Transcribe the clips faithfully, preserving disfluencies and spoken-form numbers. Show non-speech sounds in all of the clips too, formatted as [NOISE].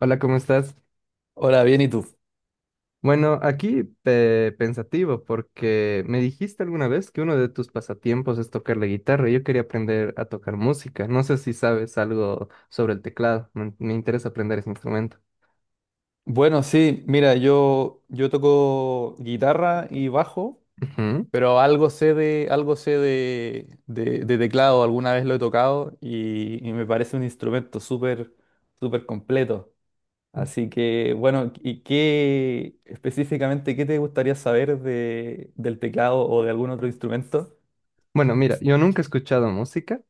Hola, ¿cómo estás? Hola, bien, ¿y tú? Bueno, aquí pe- pensativo porque me dijiste alguna vez que uno de tus pasatiempos es tocar la guitarra y yo quería aprender a tocar música. No sé si sabes algo sobre el teclado. Me, me interesa aprender ese instrumento. Bueno, sí, mira, yo, yo toco guitarra y bajo, Ujú. pero algo sé de, algo sé de, de- de teclado, alguna vez lo he tocado y, y me parece un instrumento súper, súper completo. Así que, bueno, ¿y qué específicamente, qué te gustaría saber de, del teclado o de algún otro instrumento? Bueno, mira, yo nunca he escuchado música.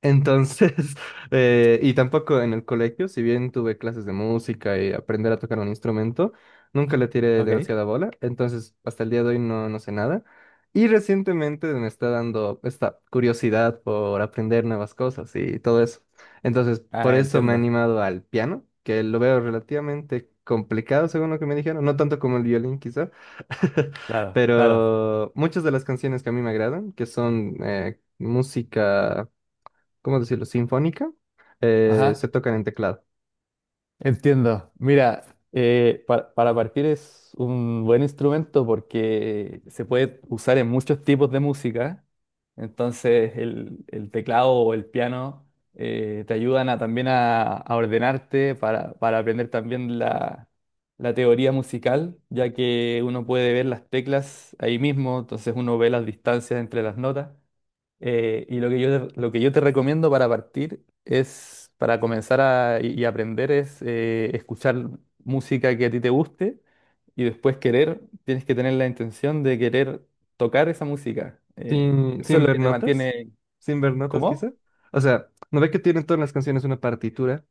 Entonces, [LAUGHS] eh, y tampoco en el colegio, si bien tuve clases de música y aprender a tocar un instrumento, nunca le tiré Ok. demasiada bola, entonces hasta el día de hoy no, no sé nada. Y recientemente me está dando esta curiosidad por aprender nuevas cosas y todo eso. Entonces, por Ah, eso me he entiendo. animado al piano, que lo veo relativamente complicado según lo que me dijeron, no tanto como el violín quizá, Claro, claro. pero muchas de las canciones que a mí me agradan, que son eh, música, ¿cómo decirlo? Sinfónica, eh, se Ajá. tocan en teclado. Entiendo. Mira, eh, pa- para partir es un buen instrumento porque se puede usar en muchos tipos de música. Entonces el, el teclado o el piano eh, te ayudan a, también a, a ordenarte para, para aprender también la, la teoría musical, ya que uno puede ver las teclas ahí mismo, entonces uno ve las distancias entre las notas. Eh, y lo que yo te, lo que yo te recomiendo para partir es, para comenzar a, y y aprender es eh, escuchar música que a ti te guste y después querer, tienes que tener la intención de querer tocar esa música. Eh, Sin, eso es sin lo ver que te notas, mantiene... sin ver notas ¿Cómo? quizá. O sea, ¿no ve que tienen todas las canciones una partitura?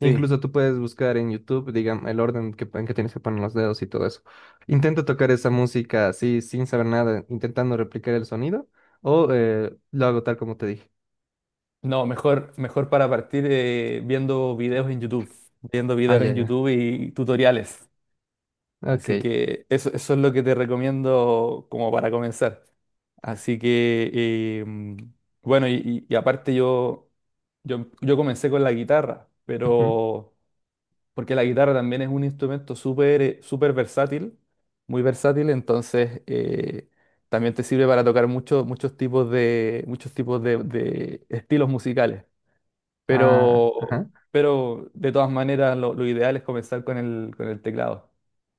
Sí. Incluso tú puedes buscar en YouTube, digamos, el orden que, en que tienes que poner los dedos y todo eso. Intenta tocar esa música así, sin saber nada, intentando replicar el sonido, o eh, lo hago tal como te dije. No, mejor, mejor para partir eh, viendo videos en YouTube, viendo Ah, videos ya, en ya. YouTube y tutoriales. Así Ok. que eso, eso es lo que te recomiendo como para comenzar. Así que, eh, mm, bueno, y, y- y aparte yo, yo, yo comencé con la guitarra, Ujú. pero porque la guitarra también es un instrumento súper eh, súper versátil, muy versátil, entonces eh, también te sirve para tocar muchos muchos tipos de, muchos tipos de, de estilos musicales. Ah, Pero, ajá. pero de todas maneras lo, lo ideal es comenzar con el, con el teclado.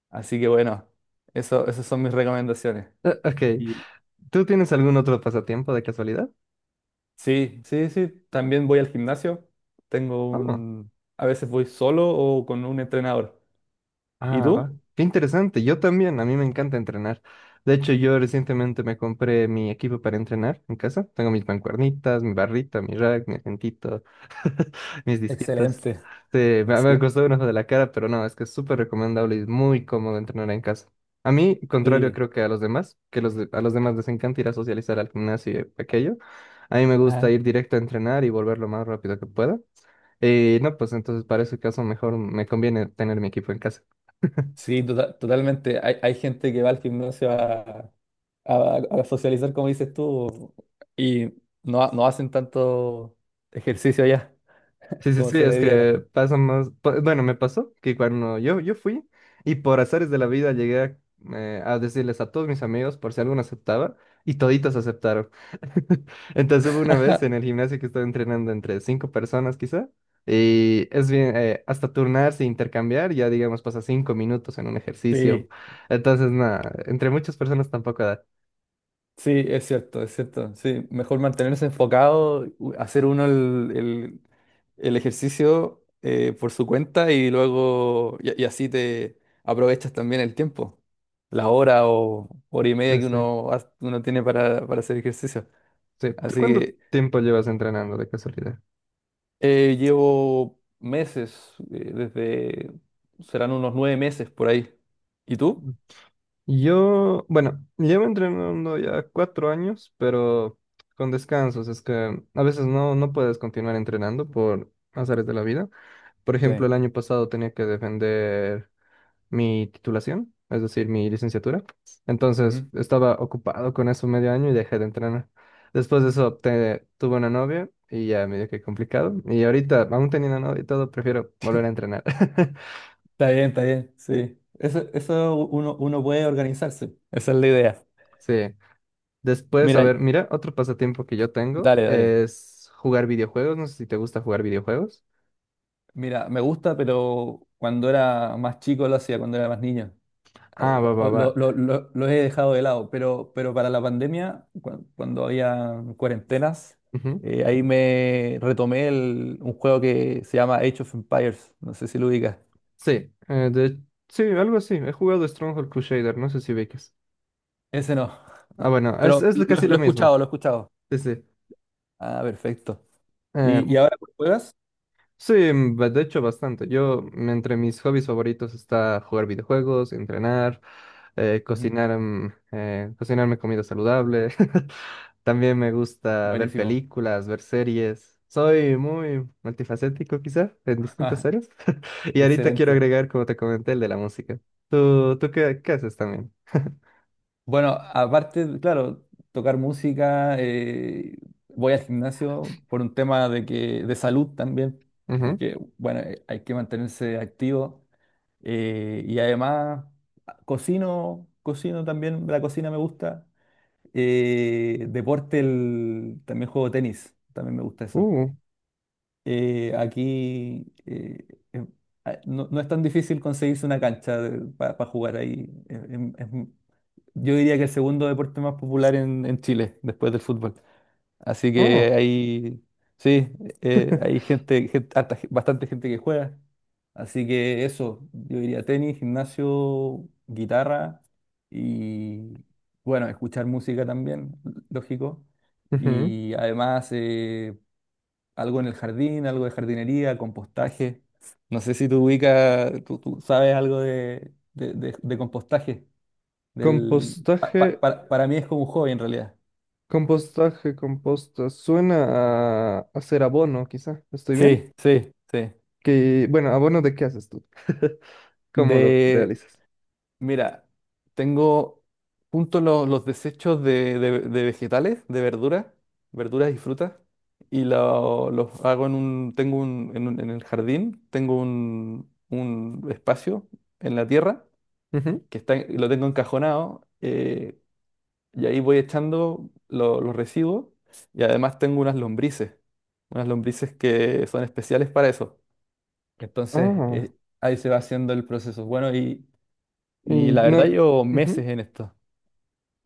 Así que bueno, eso, esas son mis recomendaciones. Eh, ok. Y ¿Tú tienes algún otro pasatiempo de casualidad? sí, sí, sí, también voy al gimnasio. Tengo Oh. un... A veces voy solo o con un entrenador. ¿Y Ah, va. tú? Qué interesante. Yo también, a mí me encanta entrenar. De hecho, yo recientemente me compré mi equipo para entrenar en casa. Tengo mis mancuernitas, mi barrita, mi rack, mi agentito, mis disquitos. Excelente, Sí, me, me excelente. costó un ojo de la cara, pero no, es que es súper recomendable y es muy cómodo entrenar en casa. A mí, contrario Sí, creo que a los demás, que los de- a los demás les encanta ir a socializar al gimnasio y aquello. A mí me gusta ajá. ir directo a entrenar y volver lo más rápido que pueda. Y no, pues entonces para ese caso mejor me conviene tener mi equipo en casa. Sí, tota- totalmente. Hay, hay gente que va al gimnasio a, a- a socializar, como dices tú, y no, ha- no hacen tanto ejercicio allá Sí, sí, como sí, se es debiera. que pasa más, pa- bueno, me pasó que cuando yo, yo fui y por azares de la vida llegué a, eh, a decirles a todos mis amigos por si alguno aceptaba y toditos aceptaron. [LAUGHS] Entonces hubo una vez en el [LAUGHS] gimnasio que estaba entrenando entre cinco personas quizá y es bien, eh, hasta turnarse e intercambiar, ya digamos pasa cinco minutos en un ejercicio. Sí, Entonces nada, entre muchas personas tampoco da. sí, es cierto, es cierto. Sí, mejor mantenerse enfocado, u- hacer uno el, el- el ejercicio eh, por su cuenta y luego, y, y así te aprovechas también el tiempo, la hora o hora y media Sí, que sí. uno, ha- uno tiene para, para hacer ejercicio. Sí. ¿Tú Así cuánto que tiempo llevas entrenando de casualidad? eh, llevo meses, eh, desde, serán unos nueve meses por ahí. ¿Y tú? Yo, bueno, llevo entrenando ya cuatro años, pero con descansos. Es que a veces no, no puedes continuar entrenando por azares de la vida. Por ejemplo, Sí. el año pasado tenía que defender mi titulación, es decir, mi licenciatura. Entonces Ujú. estaba ocupado con eso medio año y dejé de entrenar. Después de eso te- tuve una novia y ya medio que complicado. Y ahorita, aún teniendo novia y todo, prefiero volver a entrenar. [LAUGHS] Está bien, está bien, sí. Eso, eso uno, uno puede organizarse. Esa es la idea. Sí. Después, a ver, Mira, mira, otro pasatiempo que yo tengo dale, dale. es jugar videojuegos. No sé si te gusta jugar videojuegos. Mira, me gusta, pero cuando era más chico lo hacía, cuando era más niño. Ah, va, O- va, o- Lo, va. lo- lo- lo he dejado de lado, pero, pero para la pandemia, cu- cuando había cuarentenas, Ujú. eh, ahí me retomé el- un juego que se llama Age of Empires. No sé si lo ubicas. Sí, eh, de- sí, algo así. He jugado Stronghold Crusader, no sé si ubicas. Ese no, Ah, no. bueno, es, Pero es casi lo, lo lo he mismo. escuchado, lo he escuchado. Sí, sí. Ah, perfecto. Eh, ¿Y, y ahora cuál juegas? sí, mm, ba- de hecho, bastante. Yo, mm, entre mis hobbies favoritos está jugar videojuegos, entrenar, eh, Ujú, cocinar, mm, eh, cocinarme comida saludable. [LAUGHS] También me gusta ver buenísimo. películas, ver series. Soy muy multifacético quizá en distintas [LAUGHS] áreas. [LAUGHS] Y ahorita quiero Excelente. agregar, como te comenté, el de la música. ¿Tú, tú qué, qué haces también? Bueno, aparte, claro, tocar música, eh, voy al gimnasio por un tema de que, de salud también, Ujú. porque bueno, eh, hay que mantenerse activo eh, y además ah, cocino, cocino también, la cocina me gusta. Eh, deporte, el- también juego tenis, también me gusta eso. Uh, Eh, aquí eh, eh, ah, no, no es tan difícil conseguirse una cancha para jugar ahí, es, es- yo diría que el segundo deporte más popular en, en Chile, después del fútbol. Así oh. que hay, sí, eh, hay [LAUGHS] gente, gen- harta ge- bastante gente que juega. Así que eso, yo diría tenis, gimnasio, guitarra y, bueno, escuchar música también, lógico. Ujú. Y además eh, algo en el jardín, algo de jardinería, compostaje. No sé si tú ubicas, tú, tú sabes algo de, de de- de compostaje. Del, pa- pa- Compostaje, para, para mí es como un hobby en realidad. compostaje, composta. Suena a hacer abono, quizá. ¿Estoy bien? Sí, sí, sí. Que, bueno, ¿abono de qué haces tú? [LAUGHS] ¿Cómo lo De, realizas? mira, tengo junto lo- los desechos de, de- de vegetales, de verduras, verduras y frutas, y lo- los hago en un, tengo un, en un- en el jardín, tengo un, un espacio en la tierra Ujú. que está, lo tengo encajonado, eh, y ahí voy echando lo- los residuos, y además tengo unas lombrices, unas lombrices que son especiales para eso. Entonces, Ah, eh, ahí se va haciendo el proceso. Bueno, y, y y la verdad no. llevo Ujú. meses en esto.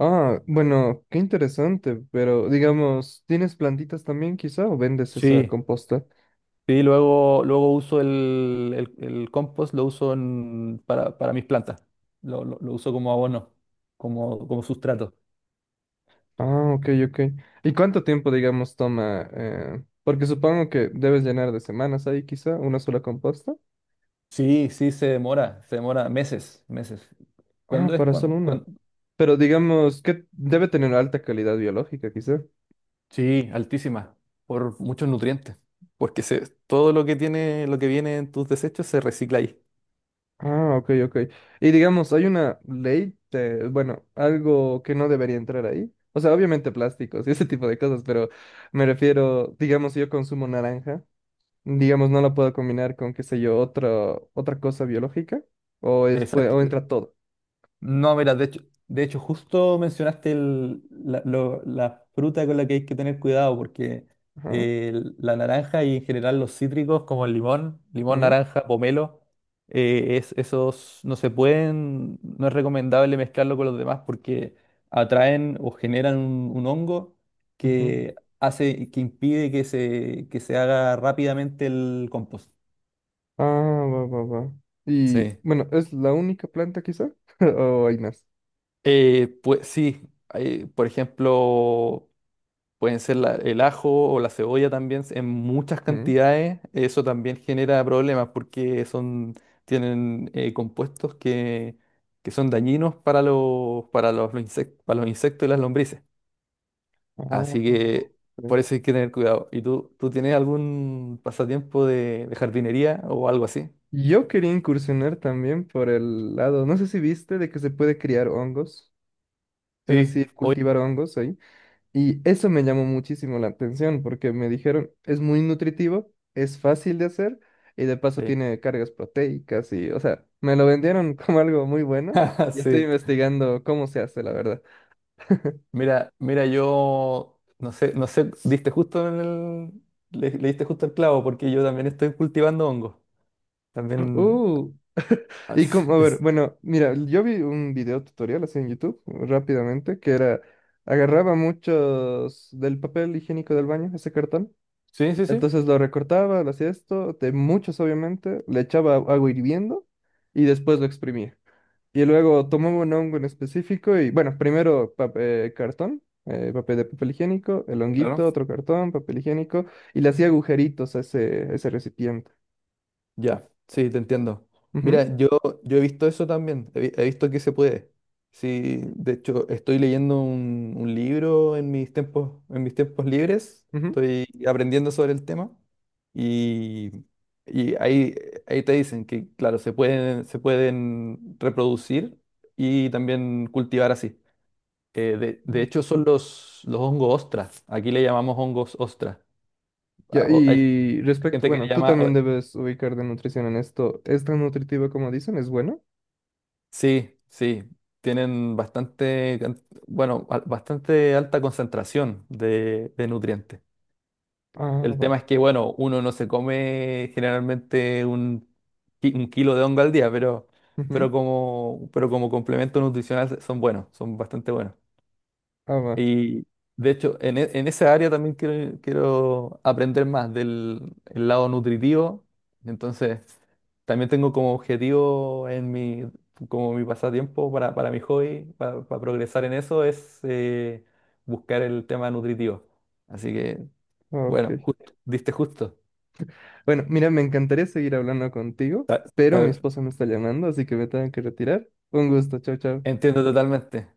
Ah, bueno, qué interesante, pero digamos, ¿tienes plantitas también quizá o vendes esa Sí, composta? sí, luego, luego uso el, el- el compost, lo uso en- para, para mis plantas. Lo, lo- lo uso como abono, como, como sustrato. Ah, ok, ok. ¿Y cuánto tiempo, digamos, toma? Eh, porque supongo que debes llenar de semanas ahí quizá una sola composta. Sí, sí, se demora, se demora meses, meses. Ah, ¿Cuándo es? para solo Cuan- una. cuan- Pero digamos, que debe tener alta calidad biológica quizá. Sí, altísima, por muchos nutrientes, porque se, todo lo que tiene, lo que viene en tus desechos se recicla ahí. Ah, ok, ok. Y digamos, hay una ley, de- bueno, algo que no debería entrar ahí. O sea, obviamente plásticos y ese tipo de cosas, pero me refiero, digamos, si yo consumo naranja. Digamos, no la puedo combinar con, qué sé yo, otra, otra cosa biológica, o, es, pue- o Exacto. entra todo. No, mira, de hecho, de hecho justo mencionaste el- la, lo- la fruta con la que hay que tener cuidado, porque Ajá. eh, la naranja y en general los cítricos como el limón, limón, Ujú, naranja, pomelo, eh, es, esos no se pueden, no es recomendable mezclarlo con los demás porque atraen o generan un, un hongo ujú. que hace, que impide que se, que se haga rápidamente el compost. Ah, va, va, va. Y Sí. bueno, ¿es la única planta quizá? [LAUGHS] ¿O hay más? Eh, pues sí, hay, por ejemplo, pueden ser la- el ajo o la cebolla también en muchas Ujú. cantidades. Eso también genera problemas porque son, tienen eh, compuestos que, que son dañinos para los, para los, los insec- para los insectos y las lombrices. Ah, Así que ok. por eso hay que tener cuidado. ¿Y tú, tú tienes algún pasatiempo de, de jardinería o algo así? Yo quería incursionar también por el lado, no sé si viste, de que se puede criar hongos, es Sí, decir, cultivar hongos ahí. Y eso me llamó muchísimo la atención porque me dijeron, es muy nutritivo, es fácil de hacer y de paso obviamente. tiene cargas proteicas y, o sea, me lo vendieron [LAUGHS] como algo muy bueno y estoy [LAUGHS] Sí. investigando cómo se hace, la verdad. Mira, mira, yo no sé, no sé, diste justo en el, le, le diste justo el clavo porque yo también estoy cultivando hongos. También... Uh, y as- como, [LAUGHS] a ver, es- bueno, mira, yo vi un video tutorial así en YouTube rápidamente que era, agarraba muchos del papel higiénico del baño, ese cartón, Sí, sí, sí, entonces lo recortaba, lo hacía esto, de muchos obviamente, le echaba agua hirviendo y después lo exprimía. Y luego tomamos un hongo en específico y, bueno, primero pap- eh, cartón, eh, papel de papel higiénico, el claro. honguito, otro cartón, papel higiénico, y le hacía agujeritos a ese, a ese recipiente. Ya, sí, te entiendo. Ujú, Mira, yo, yo he visto eso también, he, vi- he visto que se puede. Sí, de hecho, estoy leyendo un, un libro en mis tiempos, en mis tiempos libres, ujú. estoy aprendiendo sobre el tema y, y ahí, ahí te dicen que, claro, se pueden, se pueden reproducir y también cultivar así. Eh, de, de Mm. hecho, son los, los hongos ostras, aquí le llamamos hongos ostras. Ya, y respecto, Gente que le bueno, tú llama, también debes ubicar de nutrición en esto. ¿Es tan nutritivo como dicen? ¿Es bueno? sí, sí, tienen bastante, can- bueno, al- bastante alta concentración de, de nutrientes. Ah, El va. tema es que, bueno, uno no se come generalmente un, ki- un kilo de hongo al día, pero, Ujú. pero como, pero como complemento nutricional son buenos, son bastante buenos. Ah, va. Y de hecho, en, e- en esa área también quiero, quiero aprender más del el lado nutritivo. Entonces, también tengo como objetivo en mi, como mi pasatiempo para, para mi hobby, para, para progresar en eso, es eh, buscar el tema nutritivo. Así que, Ah, ok. bueno, justo, diste justo. Bueno, mira, me encantaría seguir hablando contigo, Ta- pero mi ta- esposa me está llamando, así que me tengo que retirar. Un gusto, chao, chao. entiendo totalmente.